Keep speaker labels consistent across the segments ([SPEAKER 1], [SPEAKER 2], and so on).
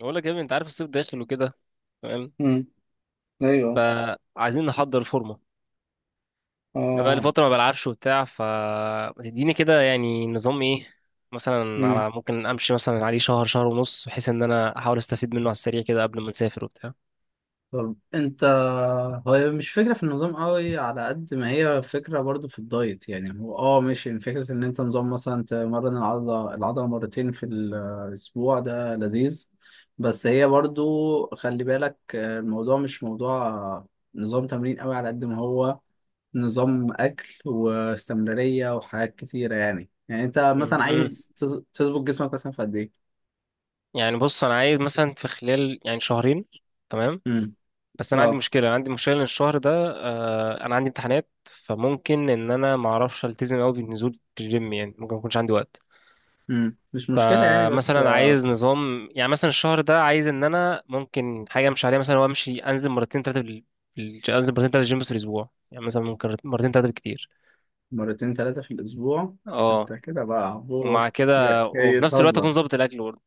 [SPEAKER 1] بقول لك يا ابني، انت عارف الصيف داخل وكده. تمام.
[SPEAKER 2] امم ايوه.
[SPEAKER 1] فعايزين نحضر الفورمه. انا بقالي
[SPEAKER 2] اه.
[SPEAKER 1] فتره ما بلعبش وبتاع، فما تديني كده يعني نظام ايه. مثلا
[SPEAKER 2] امم
[SPEAKER 1] على، ممكن امشي مثلا عليه شهر ونص، بحيث ان انا احاول استفيد منه على السريع كده قبل ما نسافر وبتاع.
[SPEAKER 2] طب انت، هو مش فكره في النظام قوي على قد ما هي فكره، برضو في الدايت. يعني هو، اه، ماشي. يعني فكره ان انت نظام مثلا تمرن العضله مرتين في الاسبوع، ده لذيذ. بس هي برضو، خلي بالك، الموضوع مش موضوع نظام تمرين قوي على قد ما هو نظام اكل واستمراريه وحاجات كتيره. يعني انت مثلا
[SPEAKER 1] امم.
[SPEAKER 2] عايز تظبط جسمك مثلا في قد ايه؟
[SPEAKER 1] يعني بص، انا عايز مثلا في خلال يعني شهرين. تمام.
[SPEAKER 2] امم
[SPEAKER 1] بس انا عندي
[SPEAKER 2] اه.
[SPEAKER 1] مشكله عندي مشكله ان الشهر ده، انا عندي امتحانات، فممكن ان انا ما اعرفش التزم قوي بالنزول في الجيم، يعني ممكن ما يكونش عندي وقت.
[SPEAKER 2] مش مشكلة يعني، بس
[SPEAKER 1] فمثلا عايز نظام يعني مثلا الشهر ده، عايز ان انا ممكن حاجه مش عليها مثلا هو، امشي انزل مرتين ثلاثه انزل مرتين ثلاثه جيم في الاسبوع، يعني مثلا ممكن مرتين ثلاثه بالكتير.
[SPEAKER 2] مرتين ثلاثة في الأسبوع. أنت
[SPEAKER 1] اه،
[SPEAKER 2] كده بقى عبور.
[SPEAKER 1] ومع كده
[SPEAKER 2] جاي
[SPEAKER 1] وفي نفس الوقت اكون
[SPEAKER 2] تهزر.
[SPEAKER 1] ظابط الاكل برضه.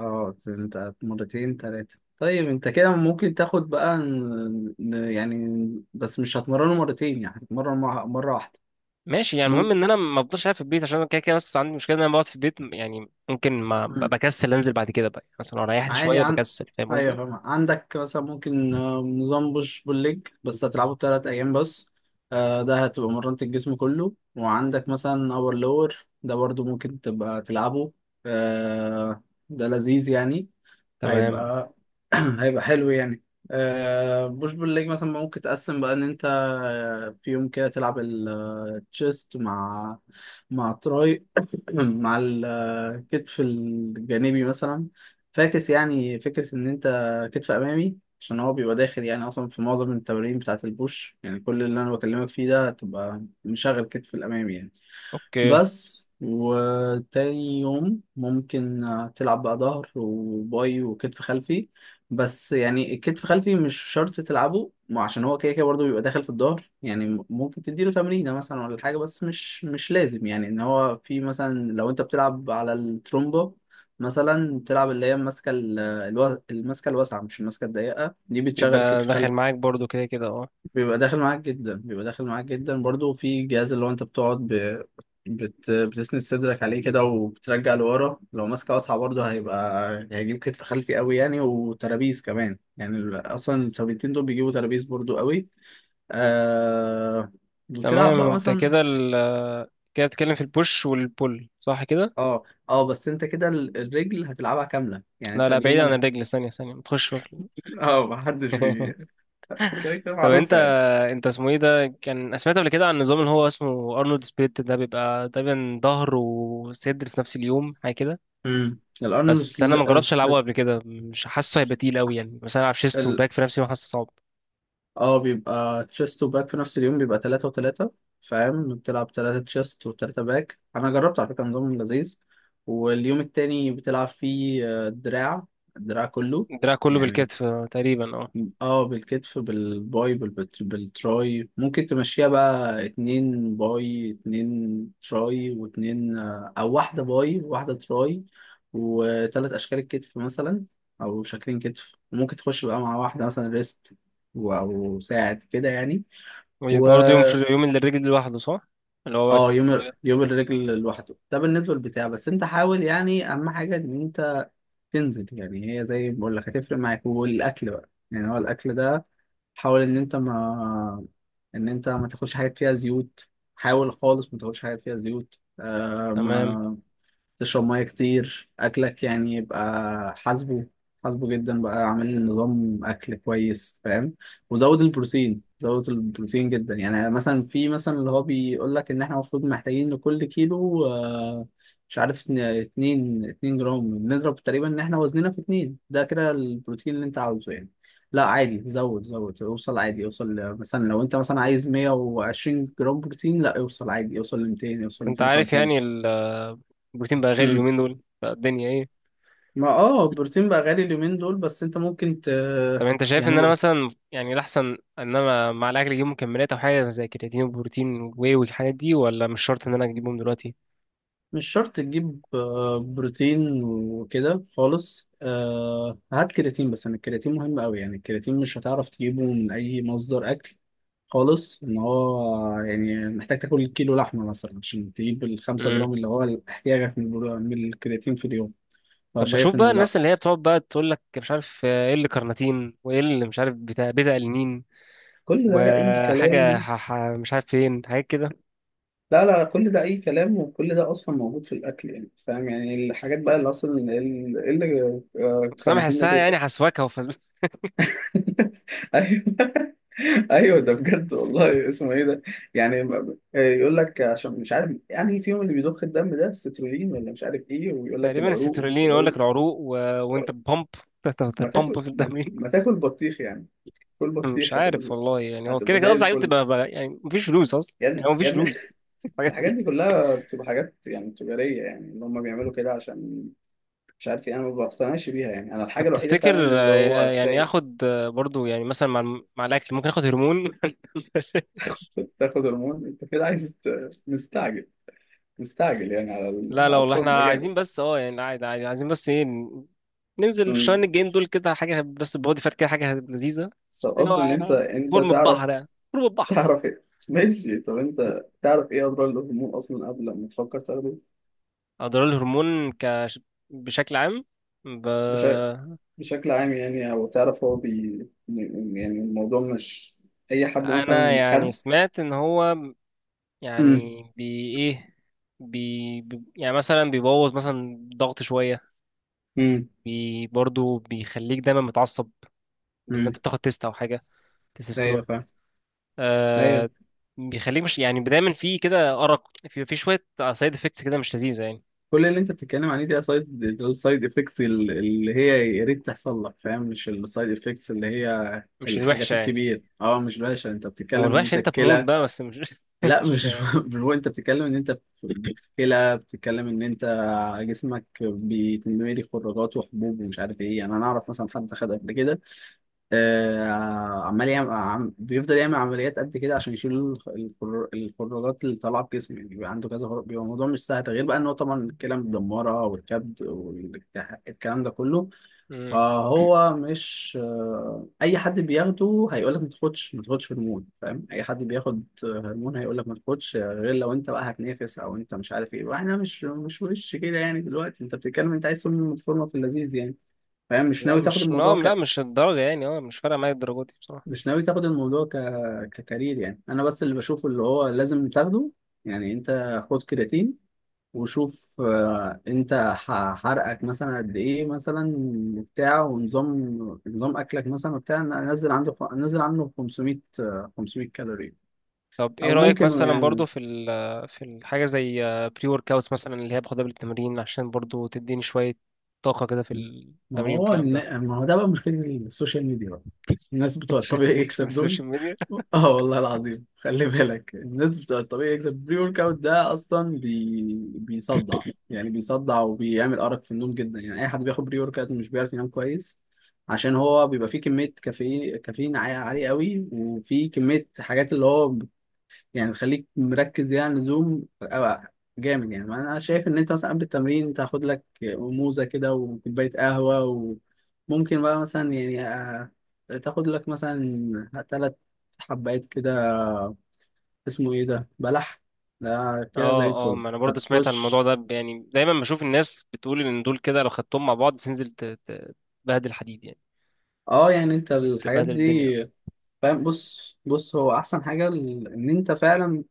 [SPEAKER 2] أه، أنت مرتين ثلاثة، طيب أنت كده ممكن تاخد بقى يعني، بس مش هتمرنه مرتين، يعني هتتمرن مرة واحدة.
[SPEAKER 1] ماشي، يعني المهم ان انا ما افضلش قاعد في البيت عشان أنا كده كده، بس عندي مشكله ان انا بقعد في البيت، يعني ممكن ما
[SPEAKER 2] ممكن.
[SPEAKER 1] بكسل انزل بعد كده بقى، يعني مثلا لو ريحت
[SPEAKER 2] عادي
[SPEAKER 1] شويه
[SPEAKER 2] عن.
[SPEAKER 1] بكسل، فاهم قصدي؟
[SPEAKER 2] ايوه فاهم. عندك مثلا ممكن نظام بوش بول ليج، بس هتلعبه بثلاث ايام بس. ده هتبقى مرنت الجسم كله. وعندك مثلا اور لور، ده برضو ممكن تبقى تلعبه. آه، ده لذيذ يعني.
[SPEAKER 1] تمام.
[SPEAKER 2] هيبقى هيبقى حلو يعني. بوش بول ليج مثلا ممكن تقسم بقى ان انت، في يوم كده تلعب التشيست مع تراي. مع الكتف الجانبي مثلا. فاكس. يعني فكرة إن أنت كتف أمامي، عشان هو بيبقى داخل يعني أصلا في معظم التمارين بتاعة البوش. يعني كل اللي أنا بكلمك فيه ده هتبقى مشغل كتف الأمامي يعني.
[SPEAKER 1] اوكي.
[SPEAKER 2] بس وتاني يوم ممكن تلعب بقى ظهر وباي وكتف خلفي. بس يعني الكتف خلفي مش شرط تلعبه، ما عشان هو كده كده برضه بيبقى داخل في الظهر. يعني ممكن تديله تمرينة مثلا ولا حاجة، بس مش لازم يعني. ان هو في مثلا لو انت بتلعب على الترومبا، مثلا تلعب اللي هي الماسكة الماسكة الواسعة، مش الماسكة الضيقة، دي بتشغل
[SPEAKER 1] يبقى
[SPEAKER 2] كتف
[SPEAKER 1] داخل
[SPEAKER 2] خلفي.
[SPEAKER 1] معاك برضه كده كده. اه.
[SPEAKER 2] بيبقى داخل معاك جدا، بيبقى داخل معاك جدا برضو. في جهاز اللي هو انت بتقعد بتسند صدرك عليه كده، وبترجع لورا. لو ماسكه واسعه برضو هيبقى هيجيب كتف خلفي قوي يعني، وترابيز كمان. يعني اصلا الثابتين دول بيجيبوا ترابيز برضو قوي. آه... وتلعب
[SPEAKER 1] تمام.
[SPEAKER 2] بقى
[SPEAKER 1] انت
[SPEAKER 2] مثلا.
[SPEAKER 1] كده كده بتتكلم في البوش والبول، صح كده؟
[SPEAKER 2] اه. اه بس انت كده الرجل هتلعبها كامله يعني،
[SPEAKER 1] لا،
[SPEAKER 2] انت
[SPEAKER 1] لا، بعيد
[SPEAKER 2] اليوم
[SPEAKER 1] عن
[SPEAKER 2] اللي
[SPEAKER 1] الرجل، ثانية ثانية، ما تخش في.
[SPEAKER 2] اه محدش بي كده كده
[SPEAKER 1] طب انت
[SPEAKER 2] معروفه يعني.
[SPEAKER 1] انت اسمه ايه ده، كان سمعت قبل كده عن النظام اللي هو اسمه ارنولد سبليت؟ ده بيبقى تقريبا ظهر وصدر في نفس اليوم، حاجه كده.
[SPEAKER 2] الارنولد
[SPEAKER 1] بس انا ما جربتش العبه
[SPEAKER 2] سبليت.
[SPEAKER 1] قبل كده، مش حاسه هيبقى تقيل قوي، يعني مثلا العب شيست وباك في نفس اليوم، حاسه صعب.
[SPEAKER 2] اه، بيبقى تشيست وباك في نفس اليوم، بيبقى تلاتة وتلاتة. فاهم؟ بتلعب تلاتة تشيست وتلاتة باك. أنا جربت على فكرة، نظام لذيذ. واليوم التاني بتلعب فيه دراع، الدراع كله
[SPEAKER 1] الدراع كله
[SPEAKER 2] يعني.
[SPEAKER 1] بالكتف تقريبا. اه.
[SPEAKER 2] اه بالكتف بالباي بالتراي. ممكن تمشيها بقى اتنين باي اتنين تراي، واتنين او واحدة باي وواحدة تراي، وتلات اشكال الكتف مثلا، او شكلين كتف. وممكن تخش بقى مع واحدة مثلا ريست او ساعد كده يعني. و
[SPEAKER 1] ويبقى برضه يوم في يوم للرجل لوحده، صح؟ اللي هو.
[SPEAKER 2] اه، يوم يوم الرجل لوحده ده بالنسبة للبتاع. بس انت حاول يعني، اهم حاجة ان انت تنزل. يعني هي زي ما بقول لك هتفرق معاك، والاكل بقى. يعني هو الاكل ده حاول ان انت ما، ان انت ما تاكلش حاجات فيها زيوت. حاول خالص ما تاكلش حاجات فيها زيوت. آه،
[SPEAKER 1] تمام.
[SPEAKER 2] ما تشرب ميه كتير. اكلك يعني يبقى حاسبه، حاسبه جدا بقى، عامل نظام اكل كويس فاهم. وزود البروتين، زود البروتين جدا. يعني مثلا في مثلا اللي هو بيقول لك ان احنا المفروض محتاجين لكل كيلو، مش عارف، اتنين جرام. بنضرب تقريبا ان احنا وزننا في اتنين، ده كده البروتين اللي انت عاوزه يعني. لا عادي، زود زود، اوصل عادي، اوصل مثلا لو انت مثلا عايز 120 جرام بروتين، لا اوصل عادي، اوصل ل 200، اوصل
[SPEAKER 1] بس
[SPEAKER 2] ل
[SPEAKER 1] انت عارف يعني
[SPEAKER 2] 250.
[SPEAKER 1] البروتين بقى غالي اليومين دول، بقى الدنيا ايه.
[SPEAKER 2] ما اه، البروتين بقى غالي اليومين دول، بس انت ممكن ت.
[SPEAKER 1] طب انت شايف
[SPEAKER 2] يعني
[SPEAKER 1] ان انا مثلا يعني الاحسن، ان انا مع الاكل اجيب مكملات او حاجه زي كرياتين وبروتين واي والحاجات دي، ولا مش شرط ان انا اجيبهم دلوقتي؟
[SPEAKER 2] مش شرط تجيب بروتين وكده خالص. هات كرياتين. بس انا الكرياتين مهم قوي يعني. الكرياتين مش هتعرف تجيبه من اي مصدر اكل خالص، ان هو يعني محتاج تاكل كيلو لحمه مثلا عشان تجيب الخمسة
[SPEAKER 1] امم.
[SPEAKER 2] جرام اللي هو احتياجك من من الكرياتين في اليوم.
[SPEAKER 1] طب بشوف
[SPEAKER 2] فشايف
[SPEAKER 1] بقى
[SPEAKER 2] ان لا،
[SPEAKER 1] الناس اللي هي بتقعد بقى تقول لك مش عارف ايه، اللي كارناتين وايه اللي مش عارف بتاع بيتا ألينين
[SPEAKER 2] كل ده اي
[SPEAKER 1] وحاجه
[SPEAKER 2] كلام.
[SPEAKER 1] مش عارف فين، حاجات كده.
[SPEAKER 2] لا لا، كل ده أي كلام. وكل ده أصلا موجود في الأكل. يعني فاهم، يعني الحاجات بقى اللي أصلا، اللي
[SPEAKER 1] بس انا
[SPEAKER 2] الكارانتين ده
[SPEAKER 1] بحسها يعني
[SPEAKER 2] بيتك.
[SPEAKER 1] حسواكه وفز.
[SPEAKER 2] أيوه. ايوه ده بجد والله. اسمه ايه ده؟ يعني يقول لك عشان مش عارف، يعني فيهم اللي بيضخ الدم ده السترولين ولا مش عارف ايه، ويقول لك
[SPEAKER 1] تقريبا
[SPEAKER 2] العروق ومش
[SPEAKER 1] السيترولين، يقول لك
[SPEAKER 2] العروق.
[SPEAKER 1] العروق وانت بامب. تحت
[SPEAKER 2] ما
[SPEAKER 1] البامب
[SPEAKER 2] تاكل
[SPEAKER 1] في الدم.
[SPEAKER 2] ما تاكل بطيخ يعني، كل
[SPEAKER 1] مش
[SPEAKER 2] بطيخ هتبقى
[SPEAKER 1] عارف
[SPEAKER 2] زي،
[SPEAKER 1] والله، يعني هو كده
[SPEAKER 2] هتبقى
[SPEAKER 1] كده
[SPEAKER 2] زي
[SPEAKER 1] اصلا حاجات
[SPEAKER 2] الفل
[SPEAKER 1] بتبقى يعني مفيش فلوس اصلا، يعني
[SPEAKER 2] يعني.
[SPEAKER 1] هو مفيش
[SPEAKER 2] يعني
[SPEAKER 1] فلوس. الحاجات
[SPEAKER 2] الحاجات
[SPEAKER 1] دي.
[SPEAKER 2] دي كلها بتبقى حاجات يعني تجارية، يعني اللي هم بيعملوا كده عشان مش عارف ايه. انا ما بقتنعش بيها يعني. انا الحاجه
[SPEAKER 1] طب
[SPEAKER 2] الوحيده
[SPEAKER 1] تفتكر
[SPEAKER 2] فعلا اللي هو
[SPEAKER 1] يعني
[SPEAKER 2] شيء.
[SPEAKER 1] اخد برضو يعني مثلا مع الاكل ممكن اخد هرمون؟
[SPEAKER 2] تاخد هرمون؟ انت كده عايز مستعجل، مستعجل يعني على
[SPEAKER 1] لا، لا،
[SPEAKER 2] على
[SPEAKER 1] والله
[SPEAKER 2] الفورمه
[SPEAKER 1] احنا
[SPEAKER 2] جامد.
[SPEAKER 1] عايزين بس اه، يعني عادي عادي، عايزين بس ايه، ننزل في
[SPEAKER 2] أمم.
[SPEAKER 1] الشهرين الجايين دول كده حاجه، بس بودي فات كده، حاجه لذيذه،
[SPEAKER 2] طب
[SPEAKER 1] بس اللي هو
[SPEAKER 2] اصلا انت،
[SPEAKER 1] يعني فورم البحر
[SPEAKER 2] تعرف،
[SPEAKER 1] يعني. فورم البحر.
[SPEAKER 2] تعرف ايه ماشي؟ طب انت تعرف ايه اضرار الهرمون اصلا قبل ما تفكر تاخده؟
[SPEAKER 1] اضرار الهرمون بشكل عام، ب...
[SPEAKER 2] بشكل، بشكل عام يعني، او تعرف هو بي، يعني الموضوع مش، اي حد
[SPEAKER 1] انا
[SPEAKER 2] مثلا
[SPEAKER 1] يعني
[SPEAKER 2] خد.
[SPEAKER 1] سمعت ان هو
[SPEAKER 2] امم
[SPEAKER 1] يعني بي ايه بي بي- يعني مثلا بيبوظ مثلا ضغط شوية.
[SPEAKER 2] امم
[SPEAKER 1] برضو بيخليك دايما متعصب، بان
[SPEAKER 2] امم
[SPEAKER 1] انت بتاخد تيست او حاجة، تستوستيرون.
[SPEAKER 2] ايوه فاهم. ايوه.
[SPEAKER 1] آه بيخليك مش يعني دايما في كده أرق، في شوية سايد افكتس كده، مش لذيذة يعني.
[SPEAKER 2] كل اللي انت بتتكلم عليه دي سايد، السايد افكتس اللي هي يا ريت تحصل لك فاهم. مش السايد افكتس اللي هي
[SPEAKER 1] مش
[SPEAKER 2] الحاجات
[SPEAKER 1] الوحشة يعني؟
[SPEAKER 2] الكبيره. اه مش باشا، انت
[SPEAKER 1] ما هو
[SPEAKER 2] بتتكلم ان
[SPEAKER 1] الوحش
[SPEAKER 2] انت
[SPEAKER 1] انت بموت
[SPEAKER 2] الكلى.
[SPEAKER 1] بقى، بس مش
[SPEAKER 2] لا
[SPEAKER 1] مش
[SPEAKER 2] مش
[SPEAKER 1] يعني.
[SPEAKER 2] هو انت بتتكلم ان انت في كلى، بتتكلم ان انت جسمك بيتملي خراجات وحبوب ومش عارف ايه. يعني انا اعرف مثلا حد خد قبل كده، عمال يعمل بيفضل يعمل عمليات قد كده عشان يشيل الخراجات اللي طالعه في جسمه. يعني بيبقى عنده كذا خراج، بيبقى الموضوع مش سهل، غير بقى ان هو طبعا الكلى مدمره والكبد والكلام ده كله.
[SPEAKER 1] مم.
[SPEAKER 2] فهو مش اي حد بياخده هيقول لك ما تاخدش، ما تاخدش هرمون فاهم. اي حد بياخد هرمون هيقول لك ما تاخدش، غير لو انت بقى هتنافس او انت مش عارف ايه. واحنا مش وش كده يعني، دلوقتي انت بتتكلم انت عايز تعمل الفورمه في اللذيذ يعني فاهم، مش ناوي تاخد
[SPEAKER 1] لا،
[SPEAKER 2] الموضوع.
[SPEAKER 1] لا، مش الدرجة، يعني اه مش فارقة معايا الدرجة دي بصراحة.
[SPEAKER 2] مش ناوي تاخد الموضوع ككارير يعني. انا بس اللي بشوفه اللي هو لازم تاخده يعني، انت خد كرياتين. وشوف انت حرقك مثلا قد ايه مثلا بتاع. ونظام، نظام اكلك مثلا بتاع انزل عنده، انزل عنه 500، 500 كالوري.
[SPEAKER 1] طب ايه
[SPEAKER 2] او
[SPEAKER 1] رأيك
[SPEAKER 2] ممكن
[SPEAKER 1] مثلا
[SPEAKER 2] يعني.
[SPEAKER 1] برضو في الحاجة زي بري ورك اوتس مثلا، اللي هي باخدها بالتمرين عشان برضو تديني شوية طاقة كده في
[SPEAKER 2] ما
[SPEAKER 1] التمرين
[SPEAKER 2] هو
[SPEAKER 1] والكلام ده؟
[SPEAKER 2] ما هو ده بقى مشكلة السوشيال ميديا بقى. الناس بتوع
[SPEAKER 1] عشان
[SPEAKER 2] الطبيعي
[SPEAKER 1] مش من
[SPEAKER 2] يكسب دول.
[SPEAKER 1] السوشيال ميديا.
[SPEAKER 2] اه والله العظيم. خلي بالك الناس بتوع الطبيعي يكسب، بري ورك اوت ده اصلا بيصدع يعني، بيصدع وبيعمل ارق في النوم جدا يعني. اي حد بياخد بري ورك اوت مش بيعرف ينام كويس، عشان هو بيبقى فيه كمية كافيين كافيين عالية عالية قوي. وفيه كمية حاجات اللي هو يعني، خليك مركز زيادة عن اللزوم أو جامد يعني. انا شايف ان انت مثلا قبل التمرين تاخد لك موزة كده وكوباية قهوة. وممكن بقى مثلا يعني تاخد لك مثلا ثلاث حبات كده، اسمه ايه ده، بلح. ده كده زي
[SPEAKER 1] اه، اه،
[SPEAKER 2] الفل
[SPEAKER 1] ما انا برضو سمعت عن الموضوع
[SPEAKER 2] هتخش.
[SPEAKER 1] ده، يعني دايما بشوف الناس بتقول ان دول كده لو خدتهم مع بعض تنزل تبهدل حديد يعني.
[SPEAKER 2] اه. يعني انت الحاجات
[SPEAKER 1] تبهدل الدنيا.
[SPEAKER 2] دي فاهم. بص بص، هو احسن حاجة ان انت فعلا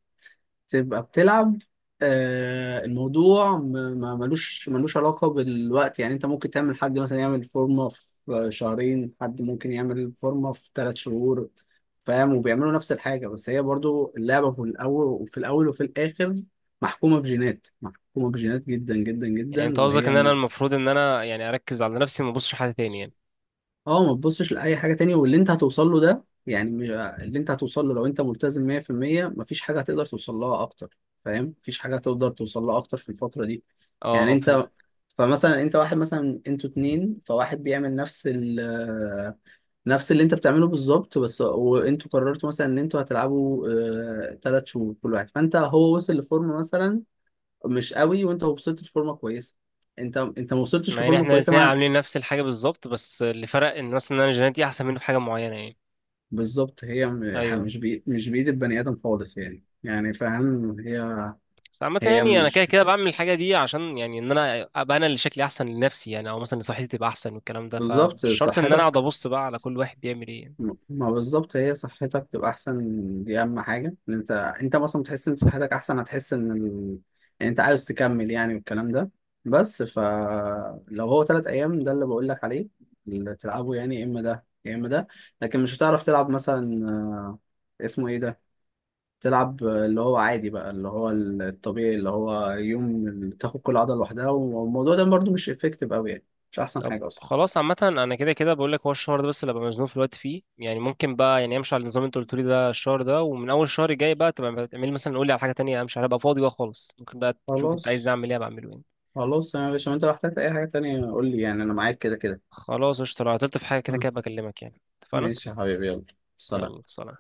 [SPEAKER 2] تبقى بتلعب. الموضوع ما ملوش علاقة بالوقت يعني. انت ممكن تعمل، حد مثلا يعمل فورمة في شهرين، حد ممكن يعمل فورمة في ثلاث شهور. فاهم؟ وبيعملوا نفس الحاجة. بس هي برضو اللعبة، في الأول وفي الأول وفي الآخر، محكومة بجينات، محكومة بجينات جدا جدا
[SPEAKER 1] يعني
[SPEAKER 2] جدا.
[SPEAKER 1] انت قصدك
[SPEAKER 2] وهي
[SPEAKER 1] ان انا المفروض ان انا يعني اركز على نفسي، وما ابصش حد تاني يعني؟
[SPEAKER 2] اه، ما تبصش لاي حاجه تانية. واللي انت هتوصل له ده يعني اللي انت هتوصل له لو انت ملتزم 100%، مفيش حاجه هتقدر توصل لها اكتر. فاهم؟ مفيش حاجه هتقدر توصل لها اكتر في الفتره دي.
[SPEAKER 1] اه،
[SPEAKER 2] يعني
[SPEAKER 1] اه، فهمت.
[SPEAKER 2] انت، فمثلا انت واحد، مثلا انتوا اتنين، فواحد بيعمل نفس نفس اللي انت بتعمله بالظبط بس. وانتوا قررتوا مثلا ان انتوا هتلعبوا تلات شهور كل واحد. فانت هو وصل لفورمه مثلا مش قوي، وانت وصلت لفورمه كويسه، انت ما وصلتش
[SPEAKER 1] مع ان
[SPEAKER 2] لفورمه
[SPEAKER 1] احنا
[SPEAKER 2] كويسه
[SPEAKER 1] الاتنين
[SPEAKER 2] مع.
[SPEAKER 1] عاملين نفس الحاجة بالظبط، بس اللي فرق ان مثلا انا جيناتي احسن منه في حاجة معينة يعني.
[SPEAKER 2] بالظبط. هي
[SPEAKER 1] ايوه.
[SPEAKER 2] مش مش بإيد البني آدم خالص يعني. يعني فاهم هي.
[SPEAKER 1] بس عامة
[SPEAKER 2] هي
[SPEAKER 1] يعني أنا كده
[SPEAKER 2] مش
[SPEAKER 1] كده بعمل الحاجة دي عشان، يعني إن أنا أبقى أنا اللي شكلي أحسن لنفسي يعني، أو مثلا صحتي تبقى أحسن والكلام ده، فمش
[SPEAKER 2] بالظبط
[SPEAKER 1] شرط إن أنا أقعد
[SPEAKER 2] صحتك،
[SPEAKER 1] أبص بقى على كل واحد بيعمل إيه.
[SPEAKER 2] ما بالظبط هي صحتك تبقى أحسن. دي أهم حاجة، إن أنت، أنت مثلا بتحس إن صحتك أحسن، هتحس إن إن أنت عاوز تكمل يعني والكلام ده. بس فلو هو تلات أيام ده اللي بقول لك عليه، اللي تلعبه، يعني يا إما ده يا إما ده. لكن مش هتعرف تلعب مثلا اسمه إيه ده، تلعب اللي هو عادي بقى، اللي هو الطبيعي، اللي هو يوم اللي تاخد كل عضلة لوحدها. والموضوع ده برضو مش افكتيف قوي يعني، مش احسن
[SPEAKER 1] طب
[SPEAKER 2] حاجة اصلا.
[SPEAKER 1] خلاص. عامة أنا كده كده بقول لك هو الشهر ده بس اللي ببقى مزنوق في الوقت فيه، يعني ممكن بقى يعني أمشي على النظام اللي أنت قلت لي ده الشهر ده، ومن أول الشهر الجاي بقى تبقى تعمل مثلا، قول لي على حاجة تانية أمشي عليها، أبقى فاضي بقى خالص، ممكن بقى تشوف أنت عايز
[SPEAKER 2] خلاص،
[SPEAKER 1] أعمل إيه أبقى أعمله يعني.
[SPEAKER 2] خلاص يا باشا، انت لو احتجت اي حاجة تانية قول لي. يعني انا معاك كده كده.
[SPEAKER 1] خلاص قشطة. لو عطلت في حاجة كده
[SPEAKER 2] مم.
[SPEAKER 1] كده بكلمك، يعني اتفقنا.
[SPEAKER 2] ماشي يا حبيبي، يلا
[SPEAKER 1] يلا،
[SPEAKER 2] سلام.
[SPEAKER 1] سلام.